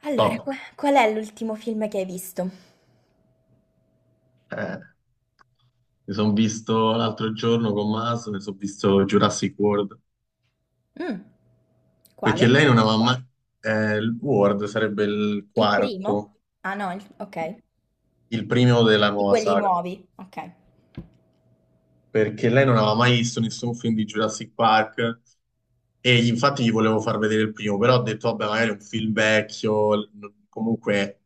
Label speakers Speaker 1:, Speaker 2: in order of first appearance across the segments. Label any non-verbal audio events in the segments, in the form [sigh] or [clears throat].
Speaker 1: Allora,
Speaker 2: Top.
Speaker 1: qual è l'ultimo film che hai visto?
Speaker 2: Eh, Mi sono visto l'altro giorno con Maso, mi sono visto Jurassic World,
Speaker 1: Mh.
Speaker 2: perché
Speaker 1: Quale?
Speaker 2: lei non aveva mai... il World sarebbe il
Speaker 1: Il
Speaker 2: quarto,
Speaker 1: primo? Ah no, il okay.
Speaker 2: il primo della
Speaker 1: Di
Speaker 2: nuova
Speaker 1: quelli
Speaker 2: saga,
Speaker 1: nuovi, okay.
Speaker 2: perché lei non aveva mai visto nessun film di Jurassic Park e infatti gli volevo far vedere il primo, però ho detto, vabbè, magari è un film vecchio, comunque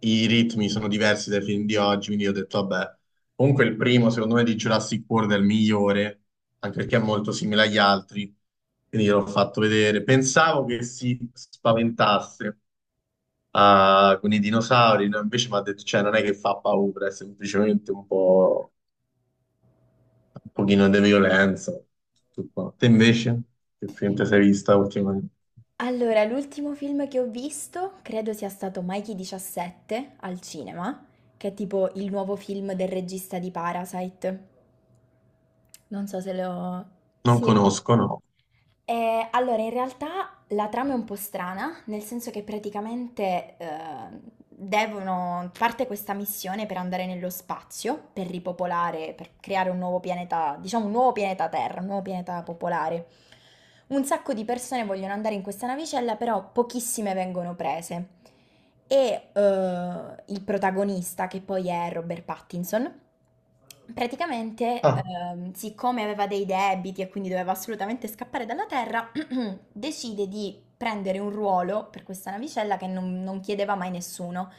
Speaker 2: i ritmi sono diversi dai film di oggi, quindi ho detto, vabbè, comunque il primo, secondo me, di Jurassic World è il migliore, anche perché è molto simile agli altri, quindi l'ho fatto vedere. Pensavo che si spaventasse ah, con i dinosauri, no? Invece mi ha detto, cioè, non è che fa paura, è semplicemente un po', un pochino di violenza. Tutto qua. Te invece, che film ti sei vista ultimamente?
Speaker 1: Allora, l'ultimo film che ho visto credo sia stato Mikey 17 al cinema, che è tipo il nuovo film del regista di Parasite. Non so se lo...
Speaker 2: Non
Speaker 1: Sì.
Speaker 2: conosco, no.
Speaker 1: Allora, in realtà la trama è un po' strana, nel senso che praticamente, devono parte questa missione per andare nello spazio, per ripopolare, per creare un nuovo pianeta, diciamo un nuovo pianeta Terra, un nuovo pianeta popolare. Un sacco di persone vogliono andare in questa navicella, però pochissime vengono prese. E eh, il protagonista, che poi è Robert Pattinson, praticamente,
Speaker 2: Ah,
Speaker 1: siccome aveva dei debiti e quindi doveva assolutamente scappare dalla Terra, [clears throat] decide di prendere un ruolo per questa navicella che non chiedeva mai nessuno,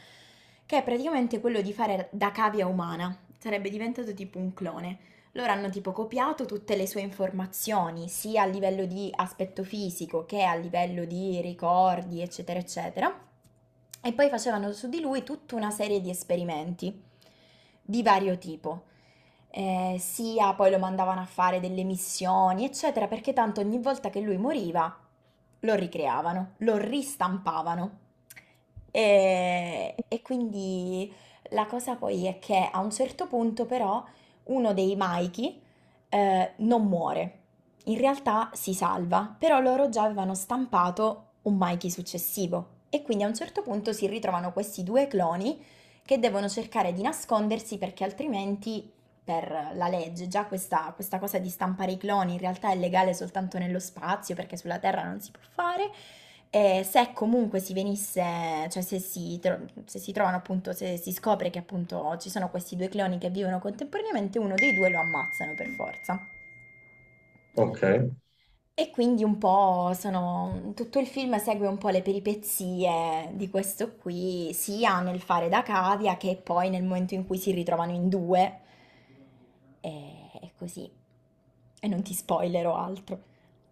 Speaker 1: che è praticamente quello di fare da cavia umana. Sarebbe diventato tipo un clone. Loro hanno tipo copiato tutte le sue informazioni, sia a livello di aspetto fisico che a livello di ricordi, eccetera, eccetera. E poi facevano su di lui tutta una serie di esperimenti di vario tipo. Sia poi lo mandavano a fare delle missioni, eccetera, perché tanto ogni volta che lui moriva lo ricreavano, lo ristampavano. E quindi la cosa poi è che a un certo punto però uno dei Maiki non muore. In realtà si salva, però loro già avevano stampato un Maiki successivo e quindi a un certo punto si ritrovano questi due cloni che devono cercare di nascondersi perché altrimenti per la legge già questa cosa di stampare i cloni in realtà è legale soltanto nello spazio perché sulla Terra non si può fare e se comunque si venisse, cioè se si trovano appunto, se si scopre che appunto ci sono questi due cloni che vivono contemporaneamente, uno dei due lo ammazzano per forza.
Speaker 2: ok.
Speaker 1: E quindi un po' sono, tutto il film segue un po' le peripezie di questo qui, sia nel fare da cavia che poi nel momento in cui si ritrovano in due. E così. E non ti spoilerò altro.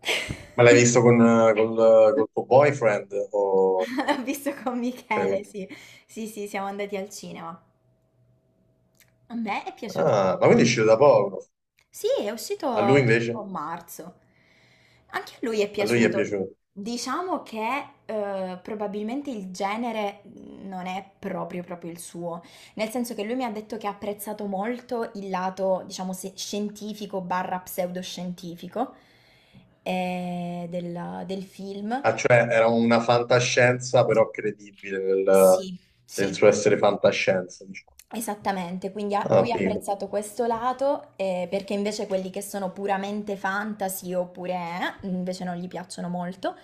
Speaker 1: [laughs]
Speaker 2: Ma l'hai visto con, col, col tuo boyfriend? O,
Speaker 1: L'ho visto con
Speaker 2: cioè,
Speaker 1: Michele, sì. Sì, sì, siamo andati al cinema. A me è piaciuto
Speaker 2: ah, ma quindi
Speaker 1: molto.
Speaker 2: è uscito da poco.
Speaker 1: Sì, è
Speaker 2: A lui
Speaker 1: uscito tipo a
Speaker 2: invece?
Speaker 1: marzo. Anche a lui è
Speaker 2: A lui gli è
Speaker 1: piaciuto.
Speaker 2: piaciuto.
Speaker 1: Diciamo che probabilmente il genere non è proprio proprio il suo, nel senso che lui mi ha detto che ha apprezzato molto il lato, diciamo, scientifico barra pseudoscientifico del film.
Speaker 2: Ah, cioè, era una fantascienza però credibile nel,
Speaker 1: Sì,
Speaker 2: nel
Speaker 1: sì.
Speaker 2: suo essere fantascienza, diciamo.
Speaker 1: Esattamente, quindi
Speaker 2: Ah,
Speaker 1: lui ha
Speaker 2: figo.
Speaker 1: apprezzato questo lato, perché invece quelli che sono puramente fantasy oppure invece non gli piacciono molto,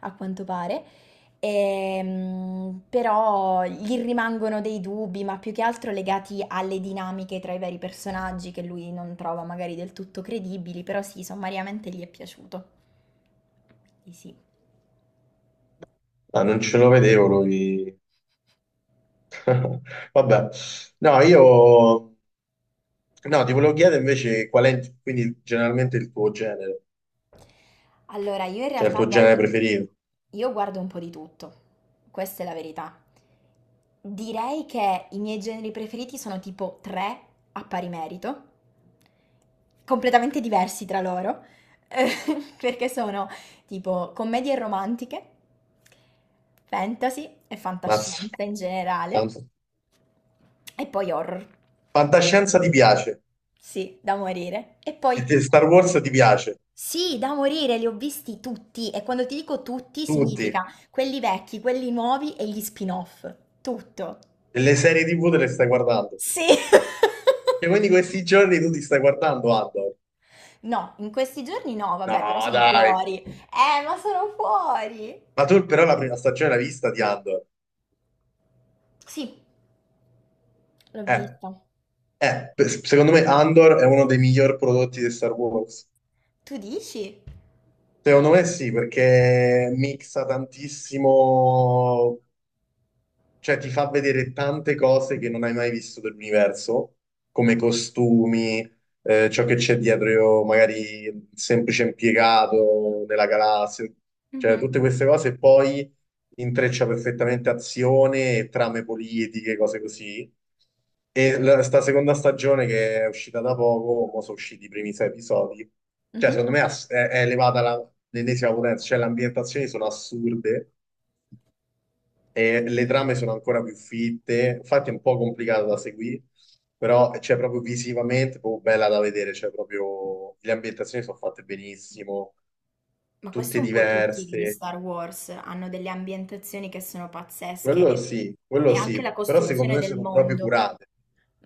Speaker 1: a quanto pare. Però gli rimangono dei dubbi, ma più che altro legati alle dinamiche tra i vari personaggi che lui non trova magari del tutto credibili, però sì, sommariamente gli è piaciuto. Quindi sì.
Speaker 2: Ah, non ce lo vedevo lui. [laughs] Vabbè. No, io... No, ti volevo chiedere invece qual è quindi generalmente il tuo genere,
Speaker 1: Allora, io in
Speaker 2: cioè il
Speaker 1: realtà
Speaker 2: tuo genere
Speaker 1: guardo,
Speaker 2: preferito.
Speaker 1: io guardo un po' di tutto, questa è la verità. Direi che i miei generi preferiti sono tipo tre a pari merito, completamente diversi tra loro, eh, [laughs] perché sono tipo commedie romantiche, fantasy e
Speaker 2: Mazza.
Speaker 1: fantascienza in generale,
Speaker 2: Tanto.
Speaker 1: e poi horror,
Speaker 2: Fantascienza ti piace?
Speaker 1: sì, da morire. E poi
Speaker 2: Star Wars ti piace,
Speaker 1: sì, da morire, li ho visti tutti e quando ti dico tutti
Speaker 2: tutti,
Speaker 1: significa quelli vecchi, quelli nuovi e gli spin-off. Tutto.
Speaker 2: e le serie TV te le stai guardando.
Speaker 1: Sì. [laughs]
Speaker 2: Cioè, quindi questi giorni tu ti stai guardando Andor.
Speaker 1: No, in questi giorni no, vabbè, però
Speaker 2: No,
Speaker 1: sono
Speaker 2: dai.
Speaker 1: fuori. Ma sono fuori.
Speaker 2: Ma tu però la prima stagione l'hai vista di Andor.
Speaker 1: Sì, l'ho
Speaker 2: Eh,
Speaker 1: vista.
Speaker 2: secondo me Andor è uno dei miglior prodotti di Star Wars.
Speaker 1: Tu dici?
Speaker 2: Secondo me sì, perché mixa tantissimo. Cioè, ti fa vedere tante cose che non hai mai visto dell'universo, come costumi, ciò che c'è dietro, magari il semplice impiegato nella galassia, cioè
Speaker 1: Mhm.
Speaker 2: tutte queste cose, e poi intreccia perfettamente azione e trame politiche, cose così. E sta seconda stagione che è uscita da poco, mo sono usciti i primi sei episodi, cioè
Speaker 1: Mhm.
Speaker 2: secondo me è elevata l'ennesima potenza, cioè le ambientazioni sono assurde e le trame sono ancora più fitte, infatti è un po' complicato da seguire, però c'è proprio visivamente, proprio bella da vedere, c'è proprio le ambientazioni sono fatte benissimo,
Speaker 1: Ma questo
Speaker 2: tutte
Speaker 1: un po' tutti gli
Speaker 2: diverse,
Speaker 1: Star Wars hanno delle ambientazioni che sono pazzesche
Speaker 2: quello
Speaker 1: e anche
Speaker 2: sì,
Speaker 1: la
Speaker 2: però secondo
Speaker 1: costruzione
Speaker 2: me
Speaker 1: del
Speaker 2: sono proprio
Speaker 1: mondo.
Speaker 2: curate,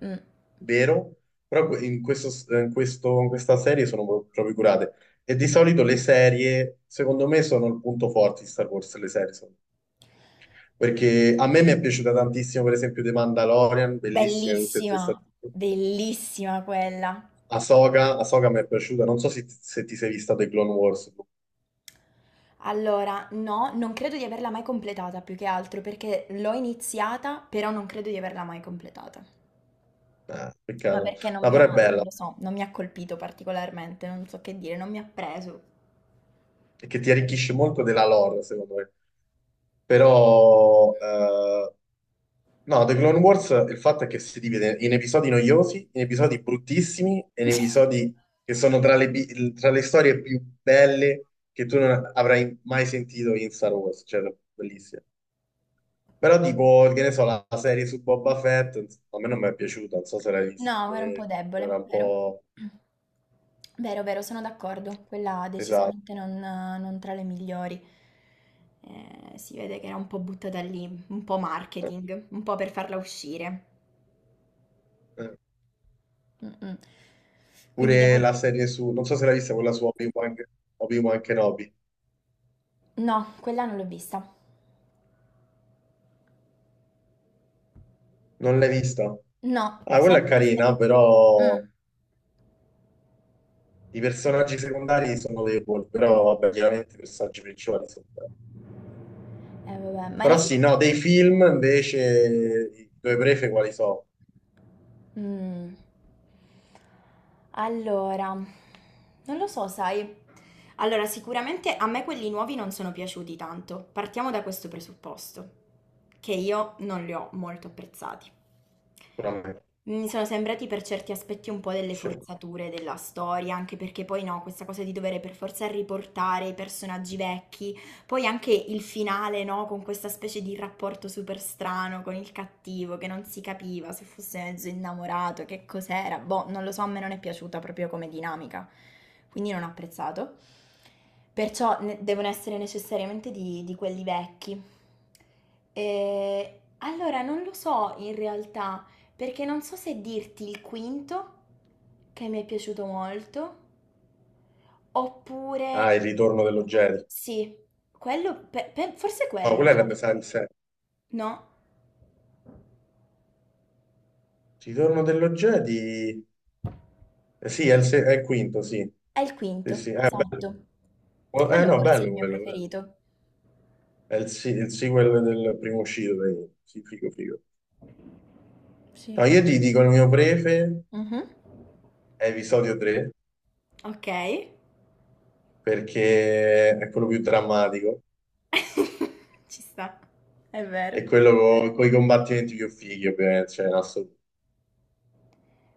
Speaker 1: Mm.
Speaker 2: vero? Però in questo, in questa serie sono proprio curate. E di solito le serie, secondo me, sono il punto forte di Star Wars, le serie. Perché a me mi è piaciuta tantissimo, per esempio, The Mandalorian, bellissime tutte e tre stagioni.
Speaker 1: Bellissima, bellissima quella.
Speaker 2: Ahsoka, Ahsoka mi è piaciuta, non so se ti sei vista The Clone Wars.
Speaker 1: Allora, no, non credo di averla mai completata, più che altro perché l'ho iniziata, però non credo di averla mai completata. Ma
Speaker 2: Peccato,
Speaker 1: perché non
Speaker 2: no,
Speaker 1: mi ha,
Speaker 2: però è
Speaker 1: non
Speaker 2: bella,
Speaker 1: lo so, non mi ha colpito particolarmente, non so che dire, non mi ha preso.
Speaker 2: perché ti arricchisce molto della lore, secondo me. Però, no, The Clone Wars, il fatto è che si divide in episodi noiosi, in episodi bruttissimi, e in episodi che sono tra tra le storie più belle che tu non avrai mai sentito in Star Wars, cioè, bellissime. Però tipo, che ne so, la serie su Boba Fett, ins- a me non mi è piaciuta, non so se l'hai
Speaker 1: No,
Speaker 2: vista,
Speaker 1: era un po'
Speaker 2: era
Speaker 1: debole,
Speaker 2: un
Speaker 1: vero?
Speaker 2: po'...
Speaker 1: Vero, vero, sono d'accordo. Quella
Speaker 2: Esatto.
Speaker 1: decisamente non tra le migliori. Si vede che era un po' buttata lì, un po' marketing, un po' per farla uscire.
Speaker 2: Eh.
Speaker 1: Mh-mh. Quindi devo
Speaker 2: Pure la serie su... Non so se l'hai vista quella su Obi-Wan, Obi-Wan Kenobi.
Speaker 1: no, quella non l'ho vista.
Speaker 2: Non l'hai vista?
Speaker 1: No,
Speaker 2: Ah, quella è
Speaker 1: sempre sta
Speaker 2: carina, però
Speaker 1: mh.
Speaker 2: i personaggi secondari sono deboli, però vabbè, chiaramente i personaggi principali sono belli.
Speaker 1: Eh vabbè, ma in
Speaker 2: Però
Speaker 1: effe
Speaker 2: sì, no, dei film invece i due prefe quali sono?
Speaker 1: mm. Allora, non lo so, sai. Allora, sicuramente a me quelli nuovi non sono piaciuti tanto. Partiamo da questo presupposto, che io non li ho molto apprezzati.
Speaker 2: Sicuramente.
Speaker 1: Mi sono sembrati per certi aspetti un po' delle
Speaker 2: Cioè,
Speaker 1: forzature della storia, anche perché poi no, questa cosa di dover per forza riportare i personaggi vecchi, poi anche il finale, no? Con questa specie di rapporto super strano con il cattivo che non si capiva se fosse mezzo innamorato, che cos'era. Boh, non lo so, a me non è piaciuta proprio come dinamica, quindi non ho apprezzato. Perciò devono essere necessariamente di quelli vecchi. E allora non lo so in realtà, perché non so se dirti il quinto, che mi è piaciuto molto, oppure
Speaker 2: ah, il ritorno dello Jedi.
Speaker 1: sì, quello, forse
Speaker 2: No,
Speaker 1: quello,
Speaker 2: quella è la mia
Speaker 1: sai?
Speaker 2: serie.
Speaker 1: No?
Speaker 2: Ritorno dello Jedi? Sì, è il, se- è il quinto, sì.
Speaker 1: È il
Speaker 2: Sì,
Speaker 1: quinto,
Speaker 2: sì.
Speaker 1: esatto. Quello
Speaker 2: No,
Speaker 1: forse è il
Speaker 2: bello
Speaker 1: mio
Speaker 2: quello, bello.
Speaker 1: preferito.
Speaker 2: È il sequel del primo uscito, dai. Sì, figo, figo.
Speaker 1: Sì.
Speaker 2: No, io ti dico il mio prefe
Speaker 1: Mhm.
Speaker 2: è episodio 3,
Speaker 1: Ok.
Speaker 2: perché è quello più drammatico
Speaker 1: [laughs] Ci sta, è vero.
Speaker 2: e quello con i combattimenti più fighi, ovviamente, cioè, in assoluto.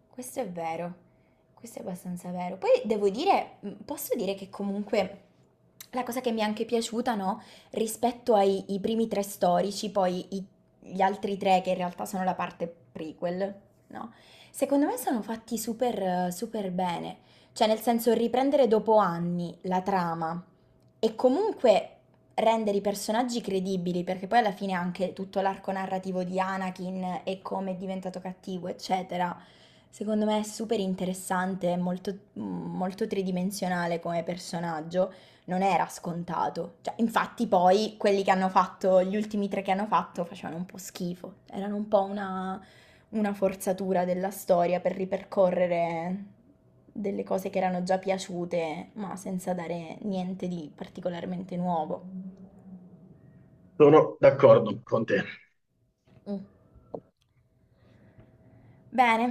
Speaker 1: Questo è vero, questo è abbastanza vero. Poi devo dire, posso dire che comunque la cosa che mi è anche piaciuta, no? Rispetto ai i primi tre storici, gli altri tre che in realtà sono la parte prequel, no? Secondo me sono fatti super, super bene. Cioè, nel senso, riprendere dopo anni la trama e comunque rendere i personaggi credibili, perché poi alla fine anche tutto l'arco narrativo di Anakin e come è diventato cattivo, eccetera, secondo me è super interessante, è molto, molto tridimensionale come personaggio, non era scontato. Cioè, infatti poi quelli che hanno fatto, gli ultimi tre che hanno fatto, facevano un po' schifo, erano un po' una forzatura della storia per ripercorrere delle cose che erano già piaciute, ma senza dare niente di particolarmente nuovo.
Speaker 2: Sono
Speaker 1: Mm. Bene,